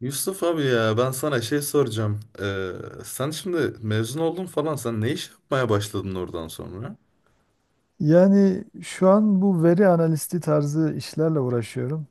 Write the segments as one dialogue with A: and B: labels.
A: Yusuf abi ya ben sana şey soracağım. Sen şimdi mezun oldun falan sen ne iş yapmaya başladın oradan sonra?
B: Yani şu an bu veri analisti tarzı işlerle uğraşıyorum.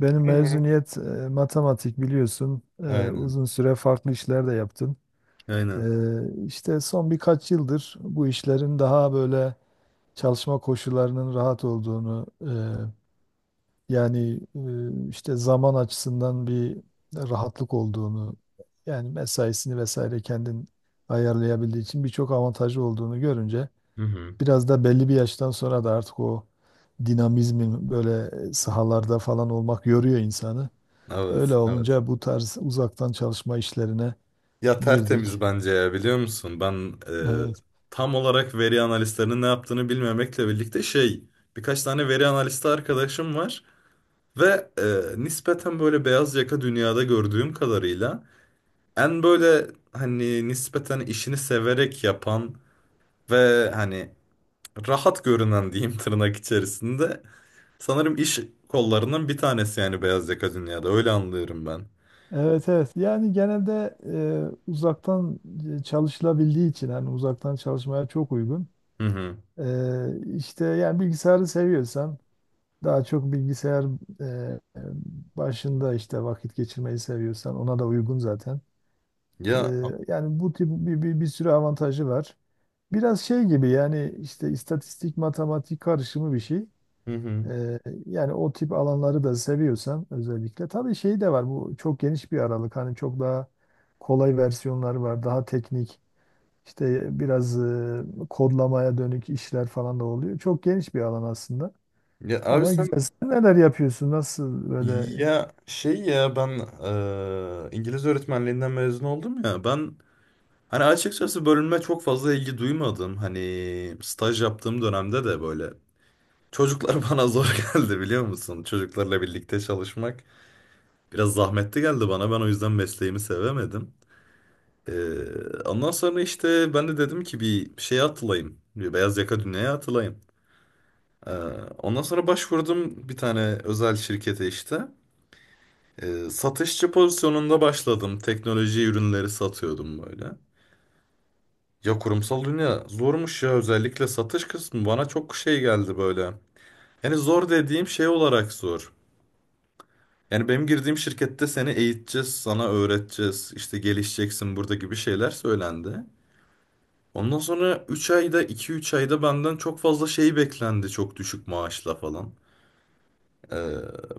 B: Benim mezuniyet matematik biliyorsun.
A: Aynen.
B: Uzun süre farklı işler de yaptım. E,
A: Aynen.
B: işte son birkaç yıldır bu işlerin daha böyle çalışma koşullarının rahat olduğunu, yani işte zaman açısından bir rahatlık olduğunu, yani mesaisini vesaire kendin ayarlayabildiği için birçok avantajı olduğunu görünce.
A: Hı hı.
B: Biraz da belli bir yaştan sonra da artık o dinamizmin böyle sahalarda falan olmak yoruyor insanı. Öyle
A: Evet, evet.
B: olunca bu tarz uzaktan çalışma işlerine
A: Ya tertemiz
B: girdik.
A: bence ya biliyor musun? Ben
B: Evet.
A: e, tam olarak veri analistlerinin ne yaptığını bilmemekle birlikte şey birkaç tane veri analisti arkadaşım var ve nispeten böyle beyaz yaka dünyada gördüğüm kadarıyla en böyle hani nispeten işini severek yapan ve hani rahat görünen diyeyim tırnak içerisinde. Sanırım iş kollarının bir tanesi yani beyaz yaka dünyada. Öyle anlıyorum ben.
B: Evet, evet. Yani genelde uzaktan çalışılabildiği için hani uzaktan çalışmaya çok uygun.
A: Hı hı.
B: İşte yani bilgisayarı seviyorsan daha çok bilgisayar e, e, başında işte vakit geçirmeyi seviyorsan ona da uygun zaten.
A: Ya
B: Ee, Yani bu tip bir sürü avantajı var. Biraz şey gibi yani işte istatistik, matematik karışımı bir şey.
A: hı hı.
B: Ee, Yani o tip alanları da seviyorsan özellikle. Tabii şey de var, bu çok geniş bir aralık. Hani çok daha kolay versiyonları var. Daha teknik işte biraz kodlamaya dönük işler falan da oluyor. Çok geniş bir alan aslında.
A: Ya abi
B: Ama
A: sen
B: güzel. Sen neler yapıyorsun? Nasıl böyle?
A: ya şey ya ben İngiliz öğretmenliğinden mezun oldum ya. Ben hani açıkçası bölüme çok fazla ilgi duymadım. Hani staj yaptığım dönemde de böyle çocuklar bana zor geldi biliyor musun? Çocuklarla birlikte çalışmak biraz zahmetli geldi bana. Ben o yüzden mesleğimi sevemedim. Ee, Ondan sonra işte ben de dedim ki bir şeye atılayım. Bir beyaz yaka dünyaya atılayım. Ee, Ondan sonra başvurdum bir tane özel şirkete işte. Satışçı pozisyonunda başladım. Teknoloji ürünleri satıyordum böyle. Ya kurumsal dünya zormuş ya özellikle satış kısmı bana çok şey geldi böyle. Yani zor dediğim şey olarak zor. Yani benim girdiğim şirkette seni eğiteceğiz, sana öğreteceğiz, işte gelişeceksin burada gibi şeyler söylendi. Ondan sonra 3 ayda 2 3 ayda benden çok fazla şey beklendi çok düşük maaşla falan. Ee,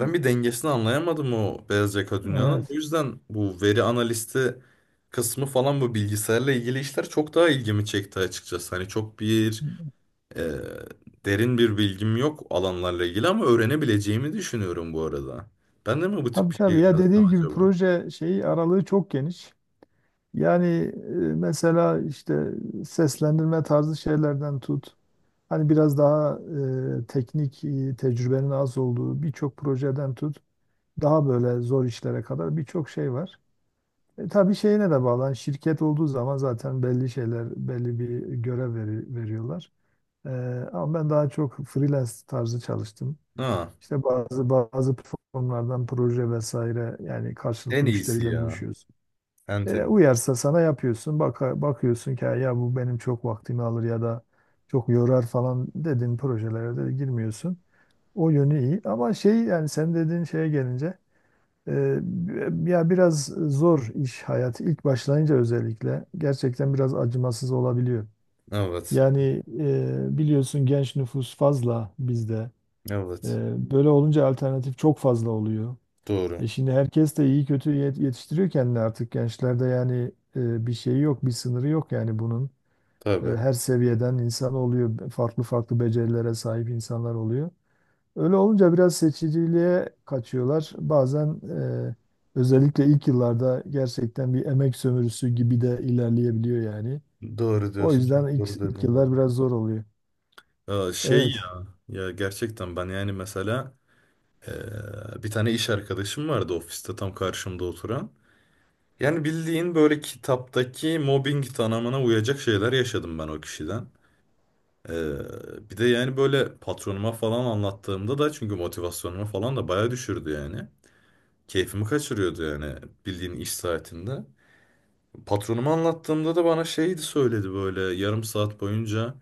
A: Ben bir dengesini anlayamadım o beyaz yaka dünyanın. O
B: Evet.
A: yüzden bu veri analisti kısmı falan bu bilgisayarla ilgili işler çok daha ilgimi çekti açıkçası. Hani çok bir e, derin bir bilgim yok alanlarla ilgili ama öğrenebileceğimi düşünüyorum bu arada. Ben de mi bu tip
B: Tabii
A: bir şey
B: tabii ya,
A: yönelsem
B: dediğim gibi
A: acaba?
B: proje şeyi aralığı çok geniş. Yani mesela işte seslendirme tarzı şeylerden tut. Hani biraz daha teknik tecrübenin az olduğu birçok projeden tut. Daha böyle zor işlere kadar birçok şey var. E, tabii şeyine de bağlı. Hani şirket olduğu zaman zaten belli şeyler, belli bir görev veriyorlar. E, Ama ben daha çok freelance tarzı çalıştım.
A: Ha,
B: İşte bazı platformlardan proje vesaire, yani
A: en
B: karşılıklı
A: iyisi
B: müşteriyle
A: ya.
B: buluşuyoruz.
A: En
B: E,
A: tabii.
B: uyarsa sana yapıyorsun. Bakıyorsun ki "Ha, ya bu benim çok vaktimi alır ya da çok yorar" falan dedin, projelere de girmiyorsun. O yönü iyi. Ama şey, yani sen dediğin şeye gelince e, ya biraz zor iş hayatı ilk başlayınca, özellikle gerçekten biraz acımasız olabiliyor.
A: Evet.
B: Yani biliyorsun, genç nüfus fazla bizde.
A: Evet.
B: E, böyle olunca alternatif çok fazla oluyor.
A: Doğru.
B: E şimdi herkes de iyi kötü yetiştiriyor kendini artık gençlerde, yani bir şey yok, bir sınırı yok yani bunun. E,
A: Tabii.
B: her seviyeden insan oluyor, farklı farklı becerilere sahip insanlar oluyor. Öyle olunca biraz seçiciliğe kaçıyorlar. Bazen e, özellikle ilk yıllarda gerçekten bir emek sömürüsü gibi de ilerleyebiliyor yani.
A: Doğru
B: O
A: diyorsun.
B: yüzden
A: Çok doğru
B: ilk
A: dedin valla.
B: yıllar biraz zor oluyor.
A: Aa, şey
B: Evet.
A: ya, ya gerçekten ben yani mesela eee, bir tane iş arkadaşım vardı ofiste tam karşımda oturan. Yani bildiğin böyle kitaptaki mobbing tanımına uyacak şeyler yaşadım ben o kişiden. Eee, Bir de yani böyle patronuma falan anlattığımda da çünkü motivasyonumu falan da bayağı düşürdü yani. Keyfimi kaçırıyordu yani bildiğin iş saatinde. Patronuma anlattığımda da bana şeydi söyledi böyle yarım saat boyunca.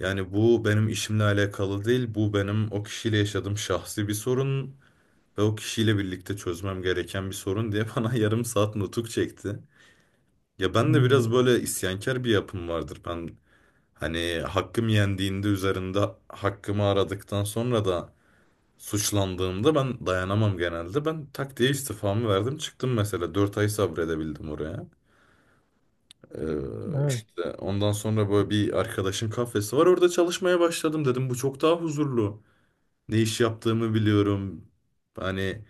A: Yani bu benim işimle alakalı değil. Bu benim o kişiyle yaşadığım şahsi bir sorun ve o kişiyle birlikte çözmem gereken bir sorun diye bana yarım saat nutuk çekti. Ya ben de biraz
B: Hmm.
A: böyle isyankar bir yapım vardır. Ben hani hakkım yendiğinde üzerinde hakkımı aradıktan sonra da suçlandığımda ben dayanamam genelde. Ben tak diye istifamı verdim çıktım mesela 4 ay sabredebildim oraya.
B: Evet.
A: İşte ondan sonra böyle bir arkadaşın kafesi var orada çalışmaya başladım dedim bu çok daha huzurlu. Ne iş yaptığımı biliyorum. Hani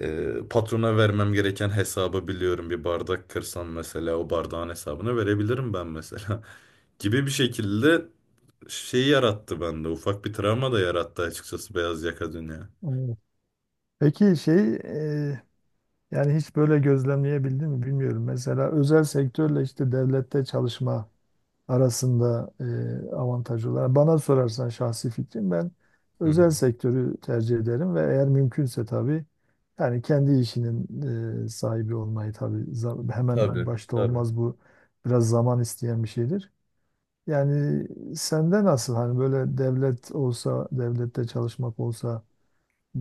A: patrona vermem gereken hesabı biliyorum. Bir bardak kırsam mesela o bardağın hesabını verebilirim ben mesela. Gibi bir şekilde şey yarattı bende. Ufak bir travma da yarattı açıkçası beyaz yaka dünya.
B: Evet. Peki yani hiç böyle gözlemleyebildin mi bilmiyorum. Mesela özel sektörle işte devlette çalışma arasında avantajı olan. Bana sorarsan şahsi fikrim, ben
A: Hı hı.
B: özel sektörü tercih ederim ve eğer mümkünse tabii, yani kendi işinin sahibi olmayı tabii, hemen
A: Tabii,
B: başta
A: tabii.
B: olmaz bu, biraz zaman isteyen bir şeydir. Yani sende nasıl, hani böyle devlet olsa, devlette çalışmak olsa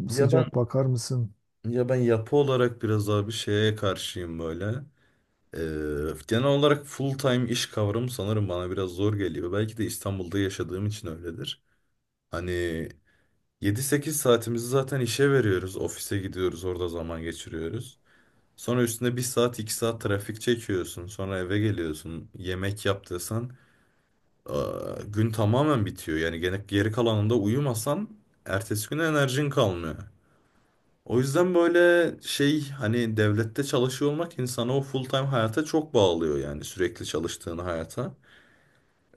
A: Ya ben
B: sıcak bakar mısın?
A: ya ben yapı olarak biraz abi şeye karşıyım böyle. Ee, Genel olarak full time iş kavramı sanırım bana biraz zor geliyor. Belki de İstanbul'da yaşadığım için öyledir. Hani 7 8 saatimizi zaten işe veriyoruz. Ofise gidiyoruz, orada zaman geçiriyoruz. Sonra üstüne 1 saat 2 saat trafik çekiyorsun. Sonra eve geliyorsun. Yemek yaptıysan gün tamamen bitiyor. Yani gene geri kalanında uyumasan ertesi güne enerjin kalmıyor. O yüzden böyle şey hani devlette çalışıyor olmak insanı o full time hayata çok bağlıyor yani sürekli çalıştığın hayata.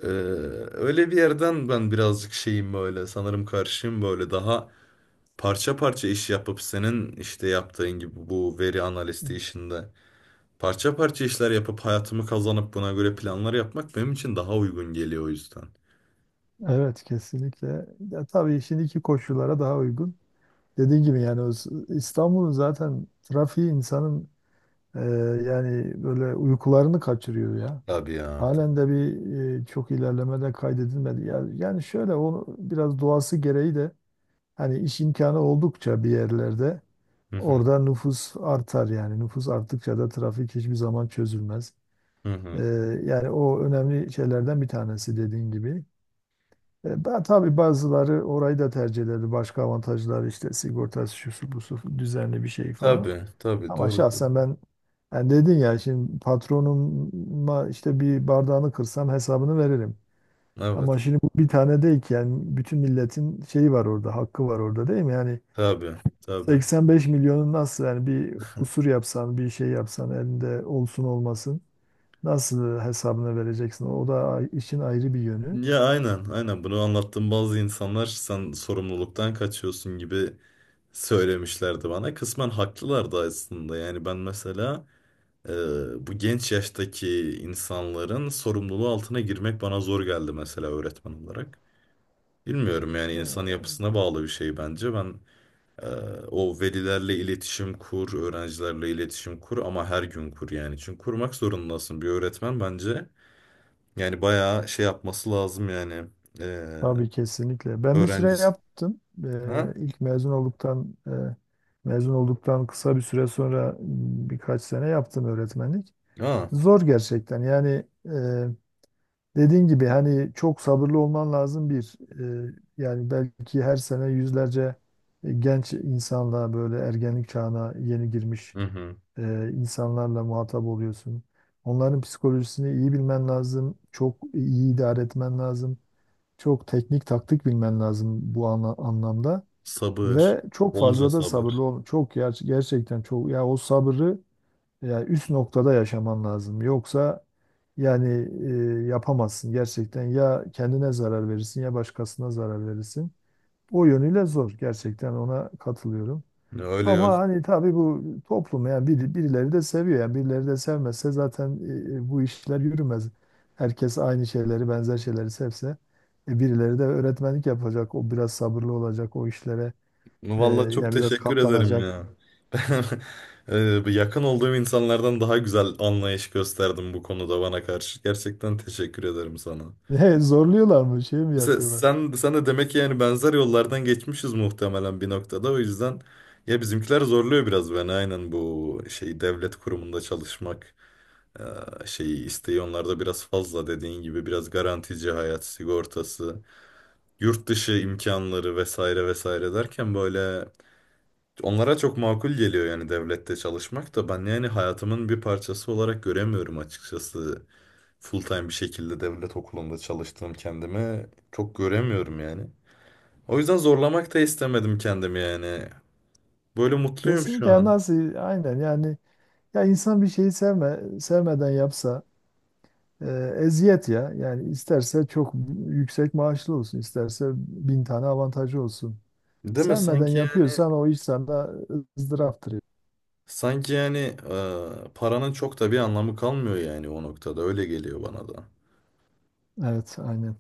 A: Ee, Öyle bir yerden ben birazcık şeyim böyle sanırım karşıyım böyle daha parça parça iş yapıp senin işte yaptığın gibi bu veri analisti işinde parça parça işler yapıp hayatımı kazanıp buna göre planlar yapmak benim için daha uygun geliyor o yüzden.
B: Evet, kesinlikle. Ya tabii şimdiki koşullara daha uygun. Dediğim gibi yani o İstanbul'un zaten trafiği insanın e, yani böyle uykularını kaçırıyor ya.
A: Tabii ya.
B: Halen
A: Tabii.
B: de bir çok ilerlemede kaydedilmedi. Yani şöyle, onu biraz doğası gereği de hani iş imkanı oldukça bir yerlerde
A: Hı hı.
B: orada nüfus artar yani. Nüfus arttıkça da trafik hiçbir zaman çözülmez.
A: Hı hı.
B: E, yani o önemli şeylerden bir tanesi dediğin gibi. E, tabii bazıları orayı da tercih ederdi. Başka avantajlar işte, sigortası şusu busu düzenli bir şey falan.
A: Tabii, tabii
B: Ama
A: doğru.
B: şahsen ben, yani dedin ya, şimdi patronuma işte bir bardağını kırsam hesabını veririm. Ama
A: Evet.
B: şimdi bu bir tane değil ki, yani bütün milletin şeyi var orada, hakkı var orada, değil mi? Yani
A: Tabii, tabii.
B: 85 milyonun, nasıl yani, bir kusur yapsan, bir şey yapsan, elinde olsun olmasın nasıl hesabını vereceksin? O da işin ayrı bir yönü.
A: Ya aynen, aynen bunu anlattığım bazı insanlar sen sorumluluktan kaçıyorsun gibi söylemişlerdi bana. Kısmen haklılar da aslında. Yani ben mesela e, bu genç yaştaki insanların sorumluluğu altına girmek bana zor geldi mesela öğretmen olarak. Bilmiyorum yani insan
B: E,
A: yapısına bağlı bir şey bence. Ben e, o velilerle iletişim kur, öğrencilerle iletişim kur ama her gün kur yani. Çünkü kurmak zorundasın bir öğretmen bence. Yani bayağı şey yapması lazım yani. E,
B: tabii kesinlikle. Ben bir süre
A: Öğrencisi.
B: yaptım.
A: Ha?
B: İlk mezun olduktan, mezun olduktan kısa bir süre sonra birkaç sene yaptım öğretmenlik.
A: Ha.
B: Zor gerçekten. Yani dediğin gibi hani çok sabırlı olman lazım bir. Yani belki her sene yüzlerce genç insanla, böyle ergenlik çağına yeni girmiş
A: Hı hı.
B: insanlarla muhatap oluyorsun. Onların psikolojisini iyi bilmen lazım. Çok iyi idare etmen lazım. Çok teknik taktik bilmen lazım bu anlamda
A: Sabır.
B: ve çok
A: Bolca
B: fazla da sabırlı
A: sabır.
B: ol. Çok gerçekten çok, ya o sabrı ya üst noktada yaşaman lazım. Yoksa yani yapamazsın gerçekten. Ya kendine zarar verirsin ya başkasına zarar verirsin. O yönüyle zor. Gerçekten ona katılıyorum.
A: Öyle yok.
B: Ama hani tabii bu toplum yani birileri de seviyor, yani birileri de sevmezse zaten bu işler yürümez. Herkes aynı şeyleri, benzer şeyleri sevse birileri de öğretmenlik yapacak. O biraz sabırlı olacak, o işlere
A: Vallahi çok
B: yani biraz
A: teşekkür ederim
B: katlanacak.
A: ya. Ben bu yakın olduğum insanlardan daha güzel anlayış gösterdim bu konuda bana karşı. Gerçekten teşekkür ederim sana.
B: E, zorluyorlar mı, şey mi
A: Sen,
B: yapıyorlar?
A: sen, sen de demek ki yani benzer yollardan geçmişiz muhtemelen bir noktada. O yüzden ya bizimkiler zorluyor biraz beni aynen bu şey devlet kurumunda çalışmak eee, şeyi isteği onlarda biraz fazla dediğin gibi biraz garantici hayat sigortası, yurt dışı imkanları vesaire vesaire derken böyle onlara çok makul geliyor yani devlette çalışmak da ben yani hayatımın bir parçası olarak göremiyorum açıkçası. Full time bir şekilde devlet okulunda çalıştığım kendimi çok göremiyorum yani. O yüzden zorlamak da istemedim kendimi yani. Böyle mutluyum şu
B: Kesinlikle, yani
A: an.
B: nasıl, aynen yani. Ya insan bir şeyi sevmeden yapsa ee, eziyet ya. Yani isterse çok yüksek maaşlı olsun, isterse bin tane avantajı olsun.
A: Değil mi?
B: Sevmeden
A: Sanki yani
B: yapıyorsan o iş sana ızdıraftır.
A: sanki yani paranın çok da bir anlamı kalmıyor yani o noktada. Öyle geliyor bana da.
B: Evet, aynen.